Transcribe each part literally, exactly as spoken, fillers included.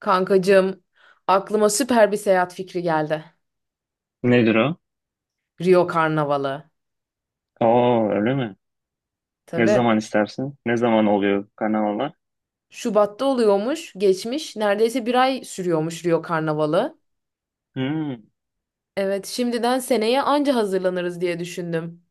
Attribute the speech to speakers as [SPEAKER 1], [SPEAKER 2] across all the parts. [SPEAKER 1] Kankacığım, aklıma süper bir seyahat fikri geldi.
[SPEAKER 2] Nedir o?
[SPEAKER 1] Rio Karnavalı.
[SPEAKER 2] Oo, öyle mi? Ne
[SPEAKER 1] Tabii.
[SPEAKER 2] zaman istersin? Ne zaman oluyor karnavalar?
[SPEAKER 1] Şubat'ta oluyormuş, geçmiş. Neredeyse bir ay sürüyormuş Rio Karnavalı.
[SPEAKER 2] Hmm,
[SPEAKER 1] Evet, şimdiden seneye anca hazırlanırız diye düşündüm.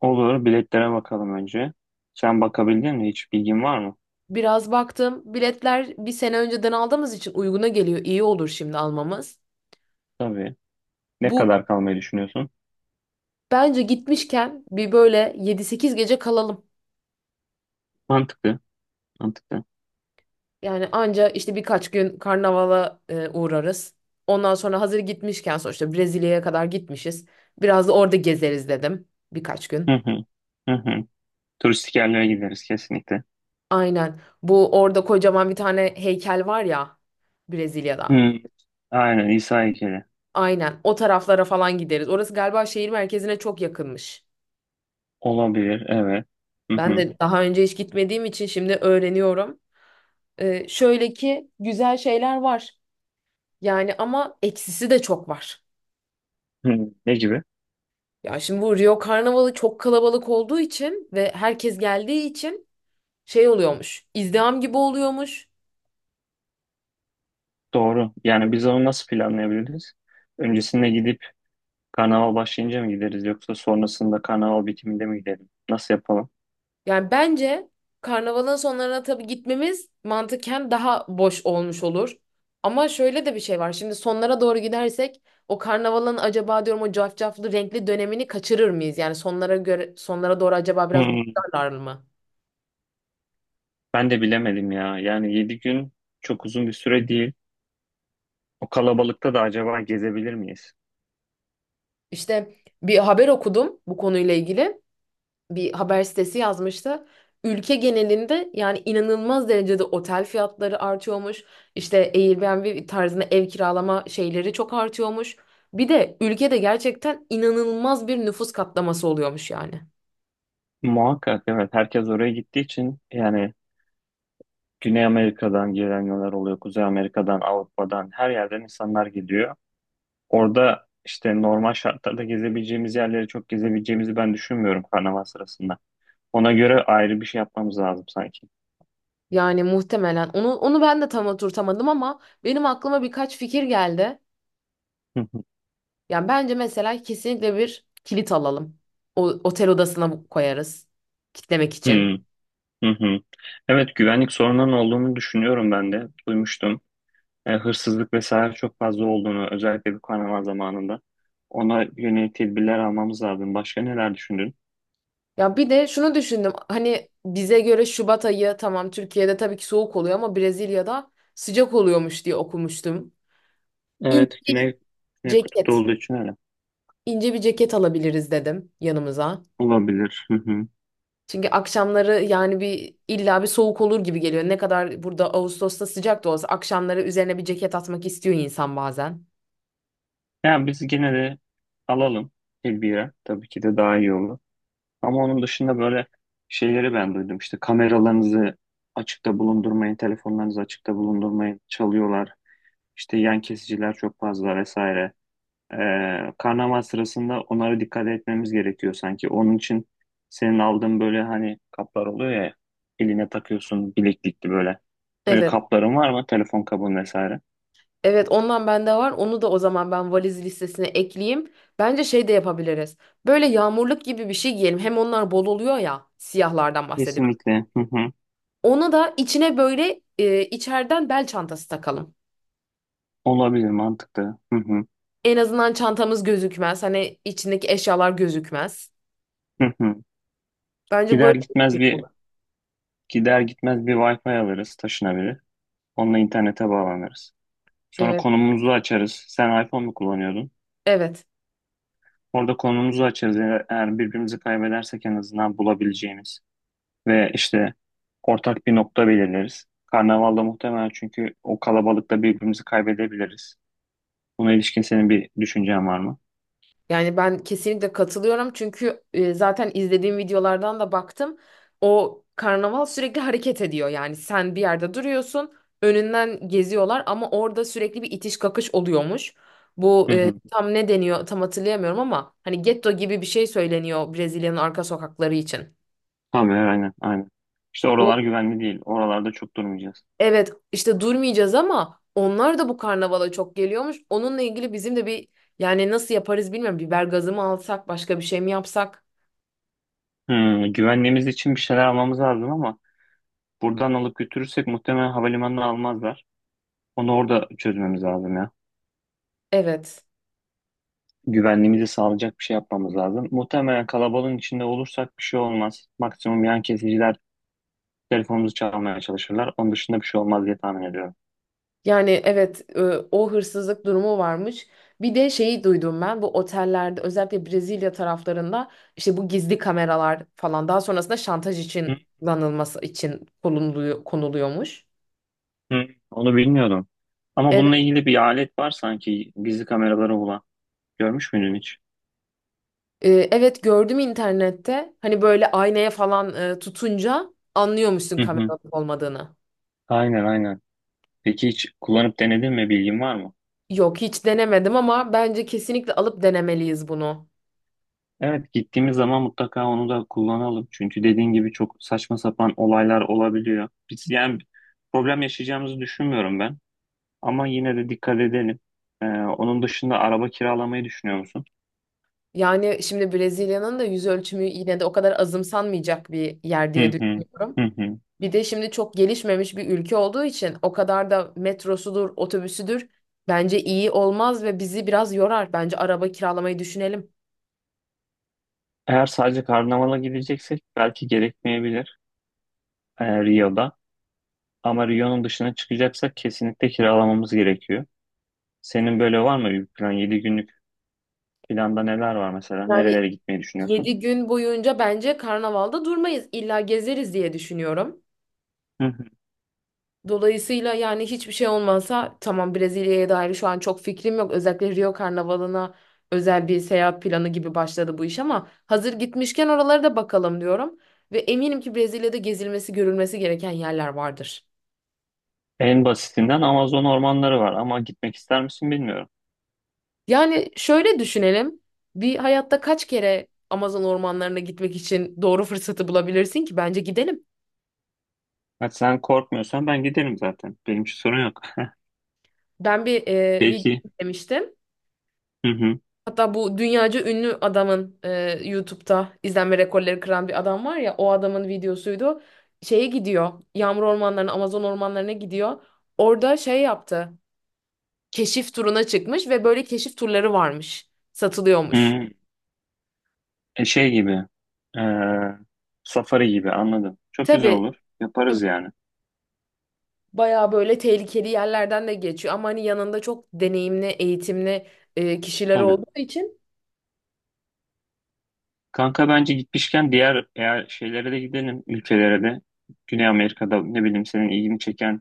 [SPEAKER 2] olur. Biletlere bakalım önce. Sen bakabildin mi? Hiç bilgin var mı?
[SPEAKER 1] Biraz baktım, biletler bir sene önceden aldığımız için uyguna geliyor. İyi olur şimdi almamız.
[SPEAKER 2] Tabii. Ne
[SPEAKER 1] Bu
[SPEAKER 2] kadar kalmayı düşünüyorsun?
[SPEAKER 1] bence gitmişken bir böyle yedi sekiz gece kalalım.
[SPEAKER 2] Mantıklı. Mantıklı.
[SPEAKER 1] Yani anca işte birkaç gün karnavala e, uğrarız. Ondan sonra hazır gitmişken sonuçta Brezilya'ya kadar gitmişiz. Biraz da orada gezeriz dedim birkaç
[SPEAKER 2] Hı
[SPEAKER 1] gün.
[SPEAKER 2] hı. Hı hı. Turistik yerlere gideriz kesinlikle.
[SPEAKER 1] Aynen. Bu orada kocaman bir tane heykel var ya, Brezilya'da.
[SPEAKER 2] Hı. Aynen, İsa heykeli.
[SPEAKER 1] Aynen. O taraflara falan gideriz. Orası galiba şehir merkezine çok yakınmış.
[SPEAKER 2] Olabilir. Evet. Hı
[SPEAKER 1] Ben
[SPEAKER 2] hı.
[SPEAKER 1] de daha önce hiç gitmediğim için şimdi öğreniyorum. E, şöyle ki güzel şeyler var. Yani ama eksisi de çok var.
[SPEAKER 2] Hı. Ne gibi?
[SPEAKER 1] Ya şimdi bu Rio Karnavalı çok kalabalık olduğu için ve herkes geldiği için şey oluyormuş. İzdiham gibi oluyormuş.
[SPEAKER 2] Doğru. Yani biz onu nasıl planlayabiliriz? Öncesinde gidip karnaval başlayınca mı gideriz, yoksa sonrasında karnaval bitiminde mi gidelim? Nasıl yapalım?
[SPEAKER 1] Yani bence karnavalın sonlarına tabii gitmemiz mantıken daha boş olmuş olur. Ama şöyle de bir şey var. Şimdi sonlara doğru gidersek o karnavalın acaba diyorum o cafcaflı renkli dönemini kaçırır mıyız? Yani sonlara göre sonlara doğru acaba biraz
[SPEAKER 2] Hmm,
[SPEAKER 1] boşlarlar mı?
[SPEAKER 2] ben de bilemedim ya. Yani yedi gün çok uzun bir süre değil. O kalabalıkta da acaba gezebilir miyiz?
[SPEAKER 1] İşte bir haber okudum bu konuyla ilgili. Bir haber sitesi yazmıştı. Ülke genelinde yani inanılmaz derecede otel fiyatları artıyormuş. İşte Airbnb tarzında ev kiralama şeyleri çok artıyormuş. Bir de ülkede gerçekten inanılmaz bir nüfus katlaması oluyormuş yani.
[SPEAKER 2] Muhakkak, evet. Herkes oraya gittiği için yani Güney Amerika'dan gelenler oluyor. Kuzey Amerika'dan, Avrupa'dan, her yerden insanlar geliyor. Orada işte normal şartlarda gezebileceğimiz yerleri çok gezebileceğimizi ben düşünmüyorum karnaval sırasında. Ona göre ayrı bir şey yapmamız lazım sanki.
[SPEAKER 1] Yani muhtemelen onu onu ben de tam oturtamadım ama benim aklıma birkaç fikir geldi. Yani bence mesela kesinlikle bir kilit alalım. O otel odasına bu- koyarız, kitlemek için.
[SPEAKER 2] Hmm. Hı hı. Evet, güvenlik sorununun olduğunu düşünüyorum ben de. Duymuştum. E, hırsızlık vesaire çok fazla olduğunu, özellikle bu karnaval zamanında. Ona yönelik tedbirler almamız lazım. Başka neler düşündün?
[SPEAKER 1] Ya bir de şunu düşündüm. Hani bize göre Şubat ayı tamam, Türkiye'de tabii ki soğuk oluyor ama Brezilya'da sıcak oluyormuş diye okumuştum.
[SPEAKER 2] Evet,
[SPEAKER 1] İnce
[SPEAKER 2] Güney, Güney Kutup'ta
[SPEAKER 1] ceket,
[SPEAKER 2] olduğu için öyle.
[SPEAKER 1] ince bir ceket alabiliriz dedim yanımıza.
[SPEAKER 2] Olabilir. Hı hı.
[SPEAKER 1] Çünkü akşamları yani bir illa bir soğuk olur gibi geliyor. Ne kadar burada Ağustos'ta sıcak da olsa akşamları üzerine bir ceket atmak istiyor insan bazen.
[SPEAKER 2] Yani biz gene de alalım tedbire. Tabii ki de daha iyi olur. Ama onun dışında böyle şeyleri ben duydum. İşte kameralarınızı açıkta bulundurmayın, telefonlarınızı açıkta bulundurmayın, çalıyorlar. İşte yan kesiciler çok fazla vesaire. Ee, karnaval sırasında onlara dikkat etmemiz gerekiyor sanki. Onun için senin aldığın böyle hani kaplar oluyor ya, eline takıyorsun bileklikli böyle. Öyle
[SPEAKER 1] Evet.
[SPEAKER 2] kapların var mı? Telefon kabın vesaire.
[SPEAKER 1] Evet, ondan bende var. Onu da o zaman ben valiz listesine ekleyeyim. Bence şey de yapabiliriz. Böyle yağmurluk gibi bir şey giyelim. Hem onlar bol oluyor ya. Siyahlardan bahsediyorum.
[SPEAKER 2] Kesinlikle. Hı hı.
[SPEAKER 1] Ona da içine böyle e, içeriden bel çantası takalım.
[SPEAKER 2] Olabilir, mantıklı. Hı hı.
[SPEAKER 1] En azından çantamız gözükmez. Hani içindeki eşyalar gözükmez.
[SPEAKER 2] Hı hı.
[SPEAKER 1] Bence
[SPEAKER 2] Gider
[SPEAKER 1] böyle.
[SPEAKER 2] gitmez bir gider gitmez bir Wi-Fi alırız taşınabilir. Onunla internete bağlanırız. Sonra
[SPEAKER 1] Evet,
[SPEAKER 2] konumumuzu açarız. Sen iPhone mu kullanıyordun?
[SPEAKER 1] evet.
[SPEAKER 2] Orada konumumuzu açarız. Eğer eğer birbirimizi kaybedersek en azından bulabileceğimiz. Ve işte ortak bir nokta belirleriz. Karnavalda muhtemelen, çünkü o kalabalıkta birbirimizi kaybedebiliriz. Buna ilişkin senin bir düşüncen var mı?
[SPEAKER 1] Yani ben kesinlikle katılıyorum çünkü e, zaten izlediğim videolardan da baktım. O karnaval sürekli hareket ediyor. Yani sen bir yerde duruyorsun, önünden geziyorlar ama orada sürekli bir itiş kakış oluyormuş. Bu
[SPEAKER 2] Hı
[SPEAKER 1] e,
[SPEAKER 2] hı.
[SPEAKER 1] tam ne deniyor tam hatırlayamıyorum ama hani getto gibi bir şey söyleniyor Brezilya'nın arka sokakları için.
[SPEAKER 2] Tabii, aynen aynen. İşte oralar güvenli değil. Oralarda çok durmayacağız.
[SPEAKER 1] Evet işte durmayacağız ama onlar da bu karnavala çok geliyormuş. Onunla ilgili bizim de bir, yani nasıl yaparız bilmiyorum. Biber gazı mı alsak başka bir şey mi yapsak?
[SPEAKER 2] Hı, güvenliğimiz için bir şeyler almamız lazım, ama buradan alıp götürürsek muhtemelen havalimanına almazlar. Onu orada çözmemiz lazım ya.
[SPEAKER 1] Evet.
[SPEAKER 2] Güvenliğimizi sağlayacak bir şey yapmamız lazım. Muhtemelen kalabalığın içinde olursak bir şey olmaz. Maksimum yan kesiciler telefonumuzu çalmaya çalışırlar. Onun dışında bir şey olmaz diye tahmin ediyorum.
[SPEAKER 1] Yani evet, e, o hırsızlık durumu varmış. Bir de şeyi duydum, ben bu otellerde özellikle Brezilya taraflarında işte bu gizli kameralar falan daha sonrasında şantaj
[SPEAKER 2] Hı,
[SPEAKER 1] için kullanılması için konuluyor, konuluyormuş.
[SPEAKER 2] hı. Onu bilmiyordum. Ama
[SPEAKER 1] Evet,
[SPEAKER 2] bununla ilgili bir alet var sanki gizli kameraları olan. Görmüş müydün hiç?
[SPEAKER 1] e, evet gördüm internette, hani böyle aynaya falan e, tutunca anlıyormuşsun
[SPEAKER 2] Hı
[SPEAKER 1] kamera
[SPEAKER 2] hı.
[SPEAKER 1] olmadığını.
[SPEAKER 2] Aynen aynen. Peki hiç kullanıp denedin mi? Bilgin var mı?
[SPEAKER 1] Yok, hiç denemedim ama bence kesinlikle alıp denemeliyiz bunu.
[SPEAKER 2] Evet, gittiğimiz zaman mutlaka onu da kullanalım. Çünkü dediğin gibi çok saçma sapan olaylar olabiliyor. Biz yani problem yaşayacağımızı düşünmüyorum ben. Ama yine de dikkat edelim. Ee, onun dışında araba kiralamayı düşünüyor musun?
[SPEAKER 1] Yani şimdi Brezilya'nın da yüz ölçümü yine de o kadar azımsanmayacak bir yer
[SPEAKER 2] Hı
[SPEAKER 1] diye
[SPEAKER 2] hı.
[SPEAKER 1] düşünüyorum.
[SPEAKER 2] Hı hı.
[SPEAKER 1] Bir de şimdi çok gelişmemiş bir ülke olduğu için o kadar da metrosudur, otobüsüdür bence iyi olmaz ve bizi biraz yorar. Bence araba kiralamayı düşünelim.
[SPEAKER 2] Eğer sadece karnavala gideceksek belki gerekmeyebilir e, Rio'da. Ama Rio'nun dışına çıkacaksak kesinlikle kiralamamız gerekiyor. Senin böyle var mı bir plan? Yedi günlük planda neler var mesela?
[SPEAKER 1] Yani
[SPEAKER 2] Nerelere gitmeyi düşünüyorsun?
[SPEAKER 1] yedi gün boyunca bence karnavalda durmayız. İlla gezeriz diye düşünüyorum.
[SPEAKER 2] Hı hı.
[SPEAKER 1] Dolayısıyla yani hiçbir şey olmasa tamam, Brezilya'ya dair şu an çok fikrim yok. Özellikle Rio Karnavalı'na özel bir seyahat planı gibi başladı bu iş ama hazır gitmişken oralara da bakalım diyorum. Ve eminim ki Brezilya'da gezilmesi, görülmesi gereken yerler vardır.
[SPEAKER 2] En basitinden Amazon ormanları var, ama gitmek ister misin bilmiyorum.
[SPEAKER 1] Yani şöyle düşünelim. Bir hayatta kaç kere Amazon ormanlarına gitmek için doğru fırsatı bulabilirsin ki? Bence gidelim.
[SPEAKER 2] Hadi sen korkmuyorsan ben giderim zaten. Benim için sorun yok.
[SPEAKER 1] Ben bir e, video
[SPEAKER 2] Peki.
[SPEAKER 1] izlemiştim.
[SPEAKER 2] Hı hı.
[SPEAKER 1] Hatta bu dünyaca ünlü adamın e, YouTube'da izlenme rekorları kıran bir adam var ya, o adamın videosuydu. Şeye gidiyor. Yağmur ormanlarına, Amazon ormanlarına gidiyor. Orada şey yaptı. Keşif turuna çıkmış ve böyle keşif turları varmış. Satılıyormuş.
[SPEAKER 2] Hı. E, şey gibi. e, Safari gibi anladım. Çok güzel
[SPEAKER 1] Tabii,
[SPEAKER 2] olur.
[SPEAKER 1] tabii
[SPEAKER 2] Yaparız yani.
[SPEAKER 1] bayağı böyle tehlikeli yerlerden de geçiyor ama hani yanında çok deneyimli, eğitimli e, kişiler
[SPEAKER 2] Tabii.
[SPEAKER 1] olduğu için.
[SPEAKER 2] Kanka, bence gitmişken diğer eğer şeylere de gidelim, ülkelere de. Güney Amerika'da ne bileyim senin ilgini çeken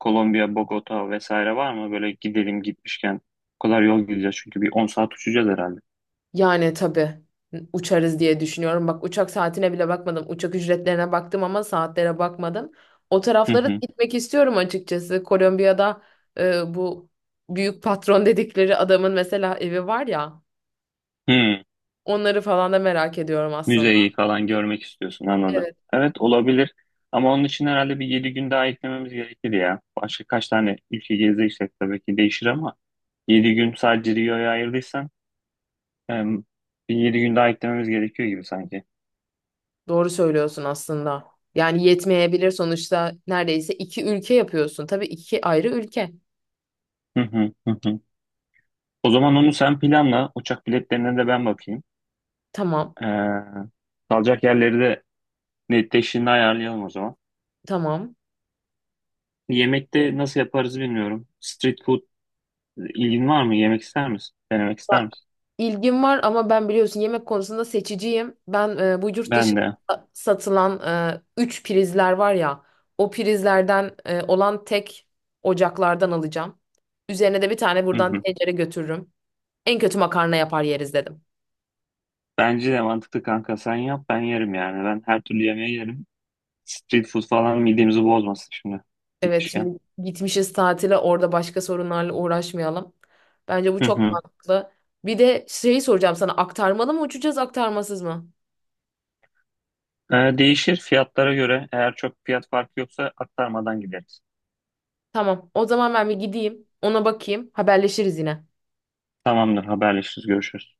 [SPEAKER 2] Kolombiya, Bogota vesaire var mı? Böyle gidelim gitmişken. O kadar yol gideceğiz, çünkü bir on saat uçacağız herhalde.
[SPEAKER 1] Yani tabii uçarız diye düşünüyorum. Bak, uçak saatine bile bakmadım. Uçak ücretlerine baktım ama saatlere bakmadım. O
[SPEAKER 2] Hı
[SPEAKER 1] taraflara da
[SPEAKER 2] hı.
[SPEAKER 1] gitmek istiyorum açıkçası. Kolombiya'da e, bu büyük patron dedikleri adamın mesela evi var ya.
[SPEAKER 2] Hı.
[SPEAKER 1] Onları falan da merak ediyorum aslında.
[SPEAKER 2] Müzeyi falan görmek istiyorsun anladım.
[SPEAKER 1] Evet,
[SPEAKER 2] Evet, olabilir, ama onun için herhalde bir yedi gün daha eklememiz gerekir ya. Başka kaç tane ülke gezeceksek tabii ki değişir, ama yedi gün sadece Rio'ya ayırdıysan em, bir yedi gün daha eklememiz gerekiyor gibi sanki.
[SPEAKER 1] doğru söylüyorsun aslında. Yani yetmeyebilir, sonuçta neredeyse iki ülke yapıyorsun. Tabii iki ayrı ülke.
[SPEAKER 2] Hı hı hı. Hı. O zaman onu sen planla. Uçak biletlerine de ben bakayım.
[SPEAKER 1] Tamam,
[SPEAKER 2] Ee, kalacak yerleri de netleştiğinde ayarlayalım o zaman.
[SPEAKER 1] tamam.
[SPEAKER 2] Yemekte nasıl yaparız bilmiyorum. Street food ilgin var mı? Yemek ister misin? Denemek ister
[SPEAKER 1] Bak,
[SPEAKER 2] misin?
[SPEAKER 1] ilgim var ama ben biliyorsun yemek konusunda seçiciyim. Ben e, bu yurt
[SPEAKER 2] Ben de.
[SPEAKER 1] dışında satılan e, üç prizler var ya, o prizlerden e, olan tek ocaklardan alacağım. Üzerine de bir tane
[SPEAKER 2] Hı
[SPEAKER 1] buradan
[SPEAKER 2] hı.
[SPEAKER 1] tencere götürürüm. En kötü makarna yapar yeriz dedim.
[SPEAKER 2] Bence de mantıklı, kanka. Sen yap ben yerim yani. Ben her türlü yemeği yerim. Street food falan midemizi bozmasın şimdi
[SPEAKER 1] Evet,
[SPEAKER 2] gitmişken.
[SPEAKER 1] şimdi gitmişiz tatile, orada başka sorunlarla uğraşmayalım. Bence bu
[SPEAKER 2] Hı
[SPEAKER 1] çok
[SPEAKER 2] hı.
[SPEAKER 1] mantıklı. Bir de şeyi soracağım sana, aktarmalı mı uçacağız aktarmasız mı?
[SPEAKER 2] Ee, değişir fiyatlara göre. Eğer çok fiyat farkı yoksa aktarmadan gideriz.
[SPEAKER 1] Tamam o zaman ben bir gideyim ona bakayım, haberleşiriz yine.
[SPEAKER 2] Tamamdır, haberleşiriz, görüşürüz.